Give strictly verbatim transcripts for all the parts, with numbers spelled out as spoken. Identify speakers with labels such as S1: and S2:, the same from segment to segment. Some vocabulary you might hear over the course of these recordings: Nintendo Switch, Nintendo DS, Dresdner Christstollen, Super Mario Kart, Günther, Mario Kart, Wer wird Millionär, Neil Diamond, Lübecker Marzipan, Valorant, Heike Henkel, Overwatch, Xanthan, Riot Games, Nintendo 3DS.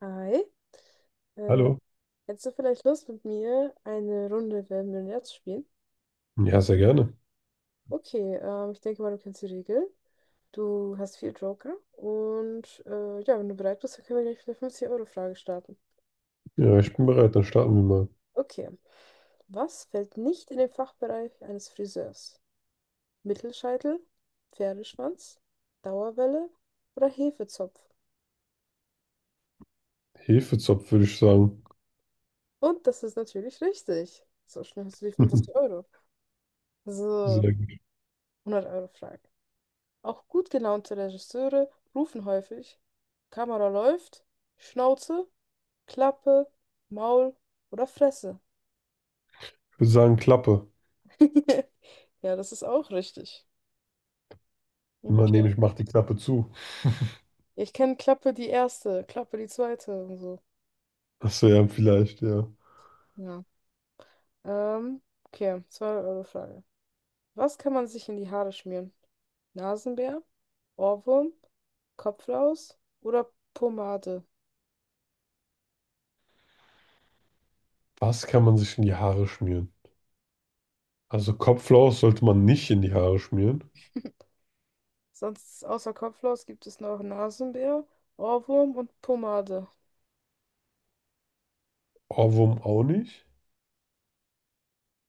S1: Hi. Äh,
S2: Hallo.
S1: Hättest du vielleicht Lust mit mir eine Runde Wer wird Millionär zu spielen?
S2: Ja, sehr gerne.
S1: Okay, ähm, ich denke mal, du kennst die Regeln. Du hast vier Joker und äh, ja, wenn du bereit bist, dann können wir gleich mit der fünfzig-Euro-Frage starten.
S2: Ja, ich bin bereit. Dann starten wir mal.
S1: Okay. Was fällt nicht in den Fachbereich eines Friseurs? Mittelscheitel, Pferdeschwanz, Dauerwelle oder Hefezopf?
S2: Hefezopf, würde ich sagen.
S1: Und das ist natürlich richtig. So schnell hast du die fünfzig Euro. So,
S2: Sehr gut.
S1: hundert Euro Frage. Auch gut gelaunte Regisseure rufen häufig: Kamera läuft, Schnauze, Klappe, Maul oder Fresse.
S2: Ich würde sagen Klappe.
S1: Ja, das ist auch richtig.
S2: Man nehme
S1: Okay.
S2: ich, mache die Klappe zu.
S1: Ich kenne Klappe die erste, Klappe die zweite und so.
S2: Das ja, vielleicht, ja.
S1: Ja. Ähm, okay, zweite Euro Frage. Was kann man sich in die Haare schmieren? Nasenbär, Ohrwurm, Kopflaus oder Pomade?
S2: Was kann man sich in die Haare schmieren? Also Kopflaus sollte man nicht in die Haare schmieren.
S1: Sonst außer Kopflaus gibt es noch Nasenbär, Ohrwurm und Pomade.
S2: Ohrwurm auch nicht.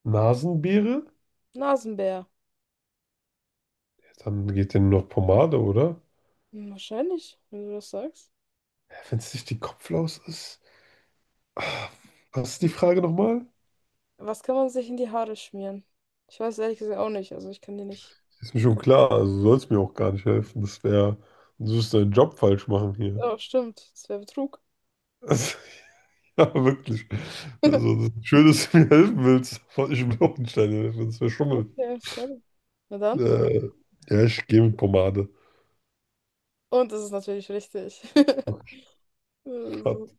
S2: Nasenbeere?
S1: Nasenbär.
S2: Ja, dann geht denn nur noch Pomade, oder?
S1: Hm, wahrscheinlich, wenn du das sagst.
S2: Wenn es nicht die Kopflaus ist. Ah, Was ist die Frage nochmal?
S1: Was kann man sich in die Haare schmieren? Ich weiß ehrlich gesagt auch nicht. Also ich kann dir nicht.
S2: Ist mir schon klar. Also soll es mir auch gar nicht helfen. Das wäre, du wirst deinen Job falsch machen hier.
S1: Oh, stimmt. Das wäre Betrug.
S2: Also, ja, wirklich. Also, das- ist schön, dass du mir helfen willst, aber ich will auch nicht deine Hilfe, das wäre Schummeln.
S1: Okay, sorry. Na dann.
S2: Äh, ja, ich gehe mit Pomade.
S1: Und das ist natürlich richtig.
S2: Oh
S1: Also,
S2: Gott,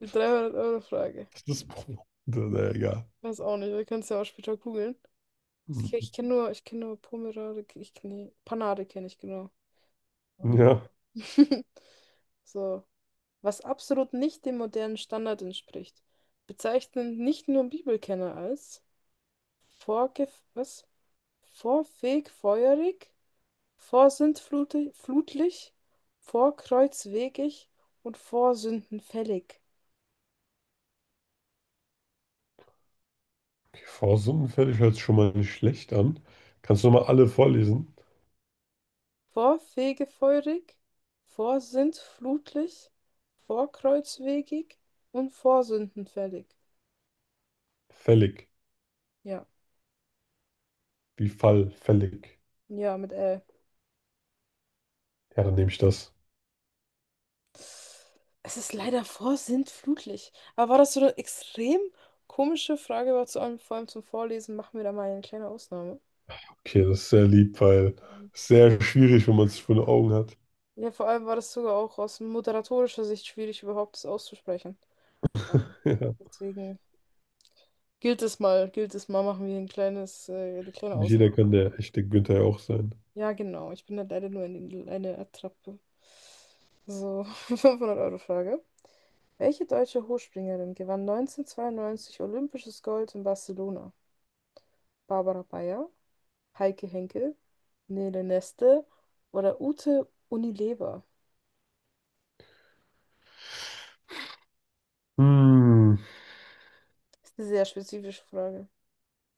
S1: die dreihundert Euro Frage.
S2: das ist Pomade. Na ja, egal.
S1: Weiß auch nicht. Wir können es ja auch später googeln. Ich,
S2: Hm.
S1: ke- ich kenne nur, ich kenne nur Pomerade. Ich, nee, Panade kenne ich genau. Mhm.
S2: Ja,
S1: So, was absolut nicht dem modernen Standard entspricht, bezeichnen nicht nur Bibelkenner als vorgef was? Vorfegfeuerig, vorsintflutlich, vorkreuzwegig und vorsündenfällig.
S2: okay, v fällig hört sich schon mal nicht schlecht an. Kannst du noch mal alle vorlesen?
S1: Vorfegefeuerig, vorsintflutlich, vorkreuzwegig und vorsündenfällig.
S2: Fällig.
S1: Ja,
S2: Wie Fall, fällig.
S1: ja, mit L.
S2: Ja, dann nehme ich das.
S1: Es ist leider vorsintflutlich. Aber war das so eine extrem komische Frage, war zu allem, vor allem zum Vorlesen, machen wir da mal eine kleine Ausnahme.
S2: Okay, das ist sehr lieb, weil
S1: Ähm,
S2: es ist sehr schwierig, wenn man es vor den Augen hat.
S1: Ja, vor allem war das sogar auch aus moderatorischer Sicht schwierig, überhaupt das auszusprechen. Ähm,
S2: Ja,
S1: Deswegen gilt es mal, gilt es mal, machen wir ein kleines, äh, eine kleine
S2: nicht jeder
S1: Ausnahme.
S2: kann der echte Günther ja auch sein.
S1: Ja, genau. Ich bin halt leider nur eine, eine Attrappe. So, fünfhundert Euro Frage. Welche deutsche Hochspringerin gewann neunzehnhundertzweiundneunzig olympisches Gold in Barcelona? Barbara Bayer, Heike Henkel, Nele Neste oder Ute Unilever?
S2: Hm.
S1: Ist eine sehr spezifische Frage.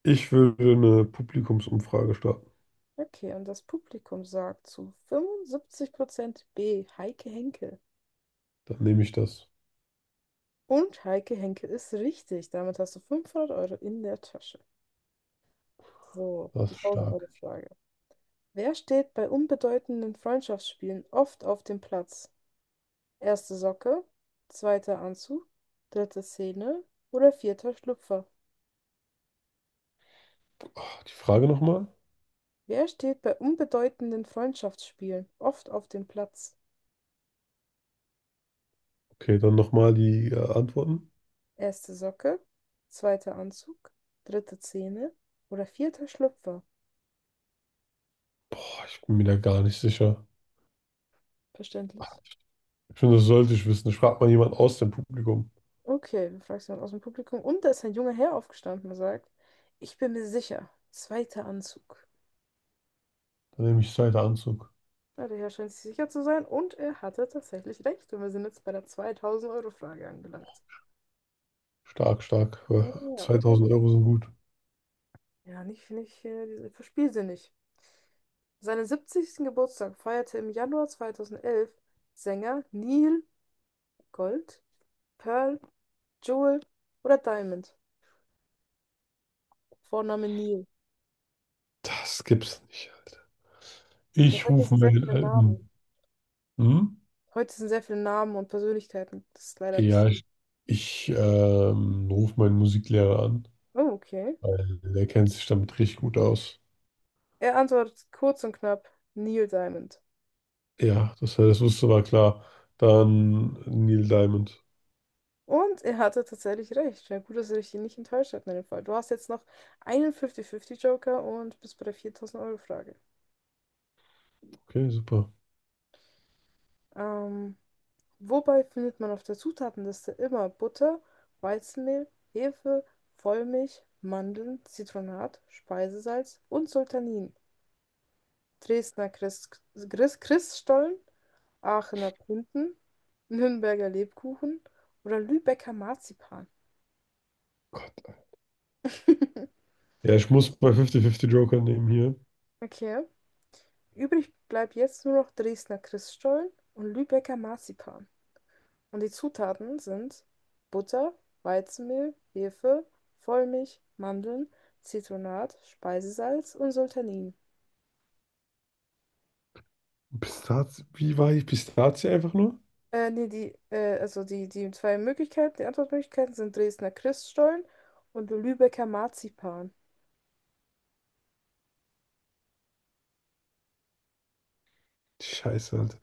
S2: Ich würde eine Publikumsumfrage starten.
S1: Okay, und das Publikum sagt zu fünfundsiebzig Prozent B, Heike Henkel.
S2: Dann nehme ich das.
S1: Und Heike Henkel ist richtig. Damit hast du fünfhundert Euro in der Tasche. So,
S2: Das
S1: die
S2: ist stark.
S1: tausend-Euro-Frage. Wer steht bei unbedeutenden Freundschaftsspielen oft auf dem Platz? Erste Socke, zweiter Anzug, dritte Szene oder vierter Schlüpfer?
S2: Ah, die Frage nochmal?
S1: Wer steht bei unbedeutenden Freundschaftsspielen oft auf dem Platz?
S2: Okay, dann nochmal die äh, Antworten.
S1: Erste Socke, zweiter Anzug, dritte Zähne oder vierter Schlüpfer?
S2: Boah, ich bin mir da gar nicht sicher. Ach,
S1: Verständlich.
S2: ich finde, das sollte ich wissen. Ich frage mal jemanden aus dem Publikum.
S1: Okay, wir fragen jemand aus dem Publikum. Und da ist ein junger Herr aufgestanden und sagt, ich bin mir sicher, zweiter Anzug.
S2: Dann nehme ich zweiter Anzug.
S1: Na, der Herr scheint sich sicher zu sein und er hatte tatsächlich recht. Und wir sind jetzt bei der zweitausend-Euro-Frage angelangt.
S2: Stark, stark. Äh,
S1: Ja,
S2: zweitausend Euro sind gut.
S1: ja, nicht, nicht, äh, diese- verspiel sie nicht. Seinen siebzigsten. Geburtstag feierte im Januar zweitausendelf Sänger Neil Gold, Pearl, Jewel oder Diamond. Vorname Neil.
S2: Das gibt's nicht, Alter.
S1: Ja,
S2: Ich
S1: heute
S2: rufe
S1: sind sehr
S2: meinen
S1: viele Namen.
S2: alten. Hm?
S1: Heute sind sehr viele Namen und Persönlichkeiten. Das ist leider bis.
S2: Ja, ich, ich ähm, rufe meinen Musiklehrer an,
S1: Oh, okay.
S2: weil der kennt sich damit richtig gut aus.
S1: Er antwortet kurz und knapp: Neil Diamond.
S2: Ja, das, das wusste war klar. Dann Neil Diamond.
S1: Und er hatte tatsächlich recht. Ja, gut, dass er dich nicht enttäuscht hat in dem Fall. Du hast jetzt noch einen fünfzig fünfzig Joker und bist bei der viertausend-Euro-Frage.
S2: Okay, super.
S1: Ähm. Wobei findet man auf der Zutatenliste immer Butter, Weizenmehl, Hefe, Vollmilch, Mandeln, Zitronat, Speisesalz und Sultanin: Dresdner Christ Christ Christstollen, Aachener Printen, Nürnberger Lebkuchen oder Lübecker Marzipan?
S2: Ja, ich muss bei fünfzig fünfzig Joker nehmen hier.
S1: Okay. Übrig bleibt jetzt nur noch Dresdner Christstollen und Lübecker Marzipan. Und die Zutaten sind Butter, Weizenmehl, Hefe, Vollmilch, Mandeln, Zitronat, Speisesalz und Sultanin.
S2: Pistazie, wie war ich? Pistazie einfach nur?
S1: Äh, nee, die, äh, also die, die zwei Möglichkeiten, die Antwortmöglichkeiten sind Dresdner Christstollen und Lübecker Marzipan.
S2: Scheiße, Alter.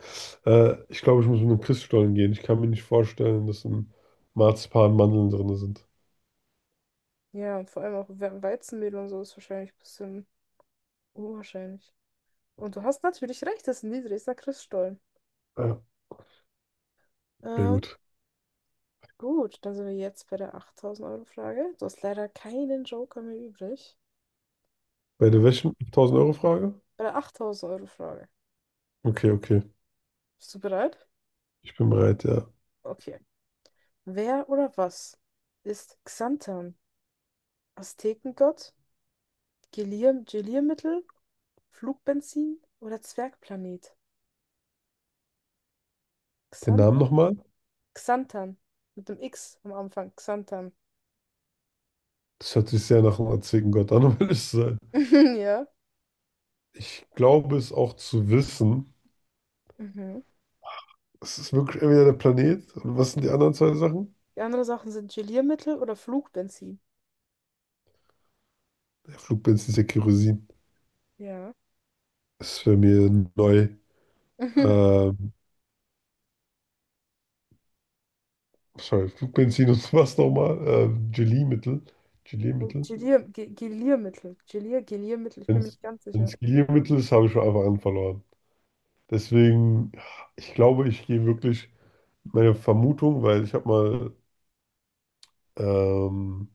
S2: Äh, ich glaube, ich muss mit einem Christstollen gehen. Ich kann mir nicht vorstellen, dass ein Marzipan Mandeln drin sind.
S1: Ja, und vor allem auch We- Weizenmehl und so ist wahrscheinlich ein bisschen unwahrscheinlich. Und du hast natürlich recht, das sind die Dresdner Christstollen.
S2: Ja, sehr
S1: Ähm,
S2: gut.
S1: gut, dann sind wir jetzt bei der achttausend-Euro-Frage. Du hast leider keinen Joker mehr übrig.
S2: Bei der
S1: Ah,
S2: welchen tausend-Euro-Frage?
S1: bei der achttausend-Euro-Frage.
S2: Okay, okay.
S1: Bist du bereit?
S2: Ich bin bereit, ja.
S1: Okay. Wer oder was ist Xanthan? Aztekengott, Gelir Geliermittel, Flugbenzin oder Zwergplanet?
S2: Den Namen
S1: Xanthan.
S2: nochmal?
S1: Xanthan. Mit dem X am Anfang. Xanthan.
S2: Das hört sich sehr nach einem antiken Gott an, um ehrlich zu sein.
S1: Ja.
S2: Ich glaube es auch zu wissen.
S1: Mhm.
S2: Es ist wirklich entweder der Planet. Und was sind die anderen zwei Sachen?
S1: Die anderen Sachen sind Geliermittel oder Flugbenzin.
S2: Ja, Flugbenzin ist ja Kerosin.
S1: Ja.
S2: Das ist für mir neu. Ähm, Sorry, Flugbenzin und was nochmal? Ähm, Geliermittel. Geliermittel.
S1: Gelier Ge- Geliermittel. Gelier Geliermittel. Ich
S2: Wenn
S1: bin mir nicht ganz sicher.
S2: es Geliermittel ist, habe ich schon einfach an verloren. Deswegen, ich glaube, ich gehe wirklich meine Vermutung, weil ich habe mal ähm,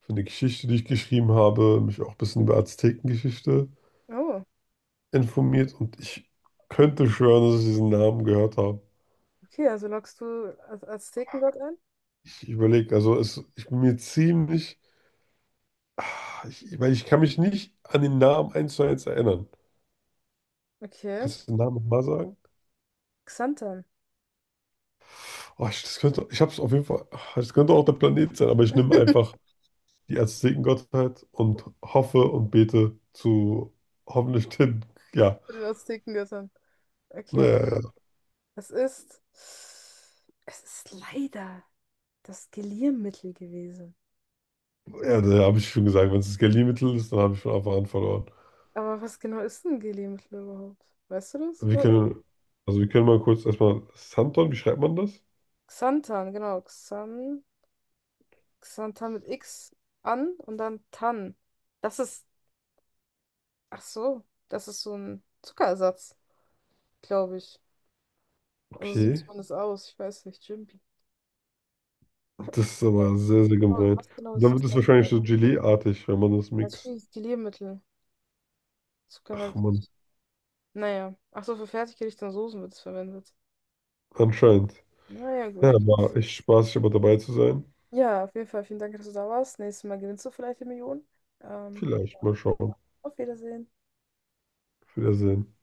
S2: für eine Geschichte, die ich geschrieben habe, mich auch ein bisschen über Aztekengeschichte
S1: Oh,
S2: informiert und ich könnte schwören, dass ich diesen Namen gehört habe.
S1: okay. Also loggst du Az Aztekengott ein?
S2: Ich überlege, also es, ich bin mir ziemlich, ah, ich, ich- weil ich kann mich nicht an den Namen eins zu eins erinnern.
S1: Okay.
S2: Kannst du den Namen nochmal sagen?
S1: Xanthan.
S2: Oh, ich, das könnte, ich habe es auf jeden Fall, ah, das könnte auch der Planet sein, aber ich nehme
S1: Würde
S2: einfach die Aztekengottheit und hoffe und bete zu hoffentlich den, ja,
S1: das Ticken gestern. Okay,
S2: naja, ja,
S1: es ist. Es ist leider das Geliermittel gewesen.
S2: ja, ja, da habe ich schon gesagt, wenn es das Galliermittel ist, dann habe ich von Anfang an verloren.
S1: Aber was genau ist ein Geliermittel überhaupt? Weißt du das?
S2: Wir
S1: Wo-
S2: können, also wir können mal kurz erstmal, Santon, wie schreibt man das?
S1: Xanthan, genau. Xan, Xanthan mit X an und dann Tan. Das ist. Ach so, das ist so ein Zuckerersatz, glaube ich. Also so sieht
S2: Okay.
S1: man das aus. Ich weiß nicht. Jimpi.
S2: Das ist aber sehr, sehr
S1: Genau,
S2: gemein.
S1: was genau
S2: Und
S1: ist
S2: dann wird es wahrscheinlich
S1: Xanthan?
S2: so Gelee-artig, wenn man das
S1: Das ist für
S2: mixt.
S1: dieses Geliermittel.
S2: Ach man,
S1: Zuckerhalt. Naja. Ach so, für Fertiggerichte und Soßen wird es verwendet.
S2: anscheinend.
S1: Naja,
S2: Ja,
S1: gut.
S2: war echt spaßig, aber dabei zu sein.
S1: Ja, auf jeden Fall vielen Dank, dass du da warst. Nächstes Mal gewinnst du vielleicht die Million. Ähm,
S2: Vielleicht mal schauen.
S1: auf Wiedersehen.
S2: Auf Wiedersehen.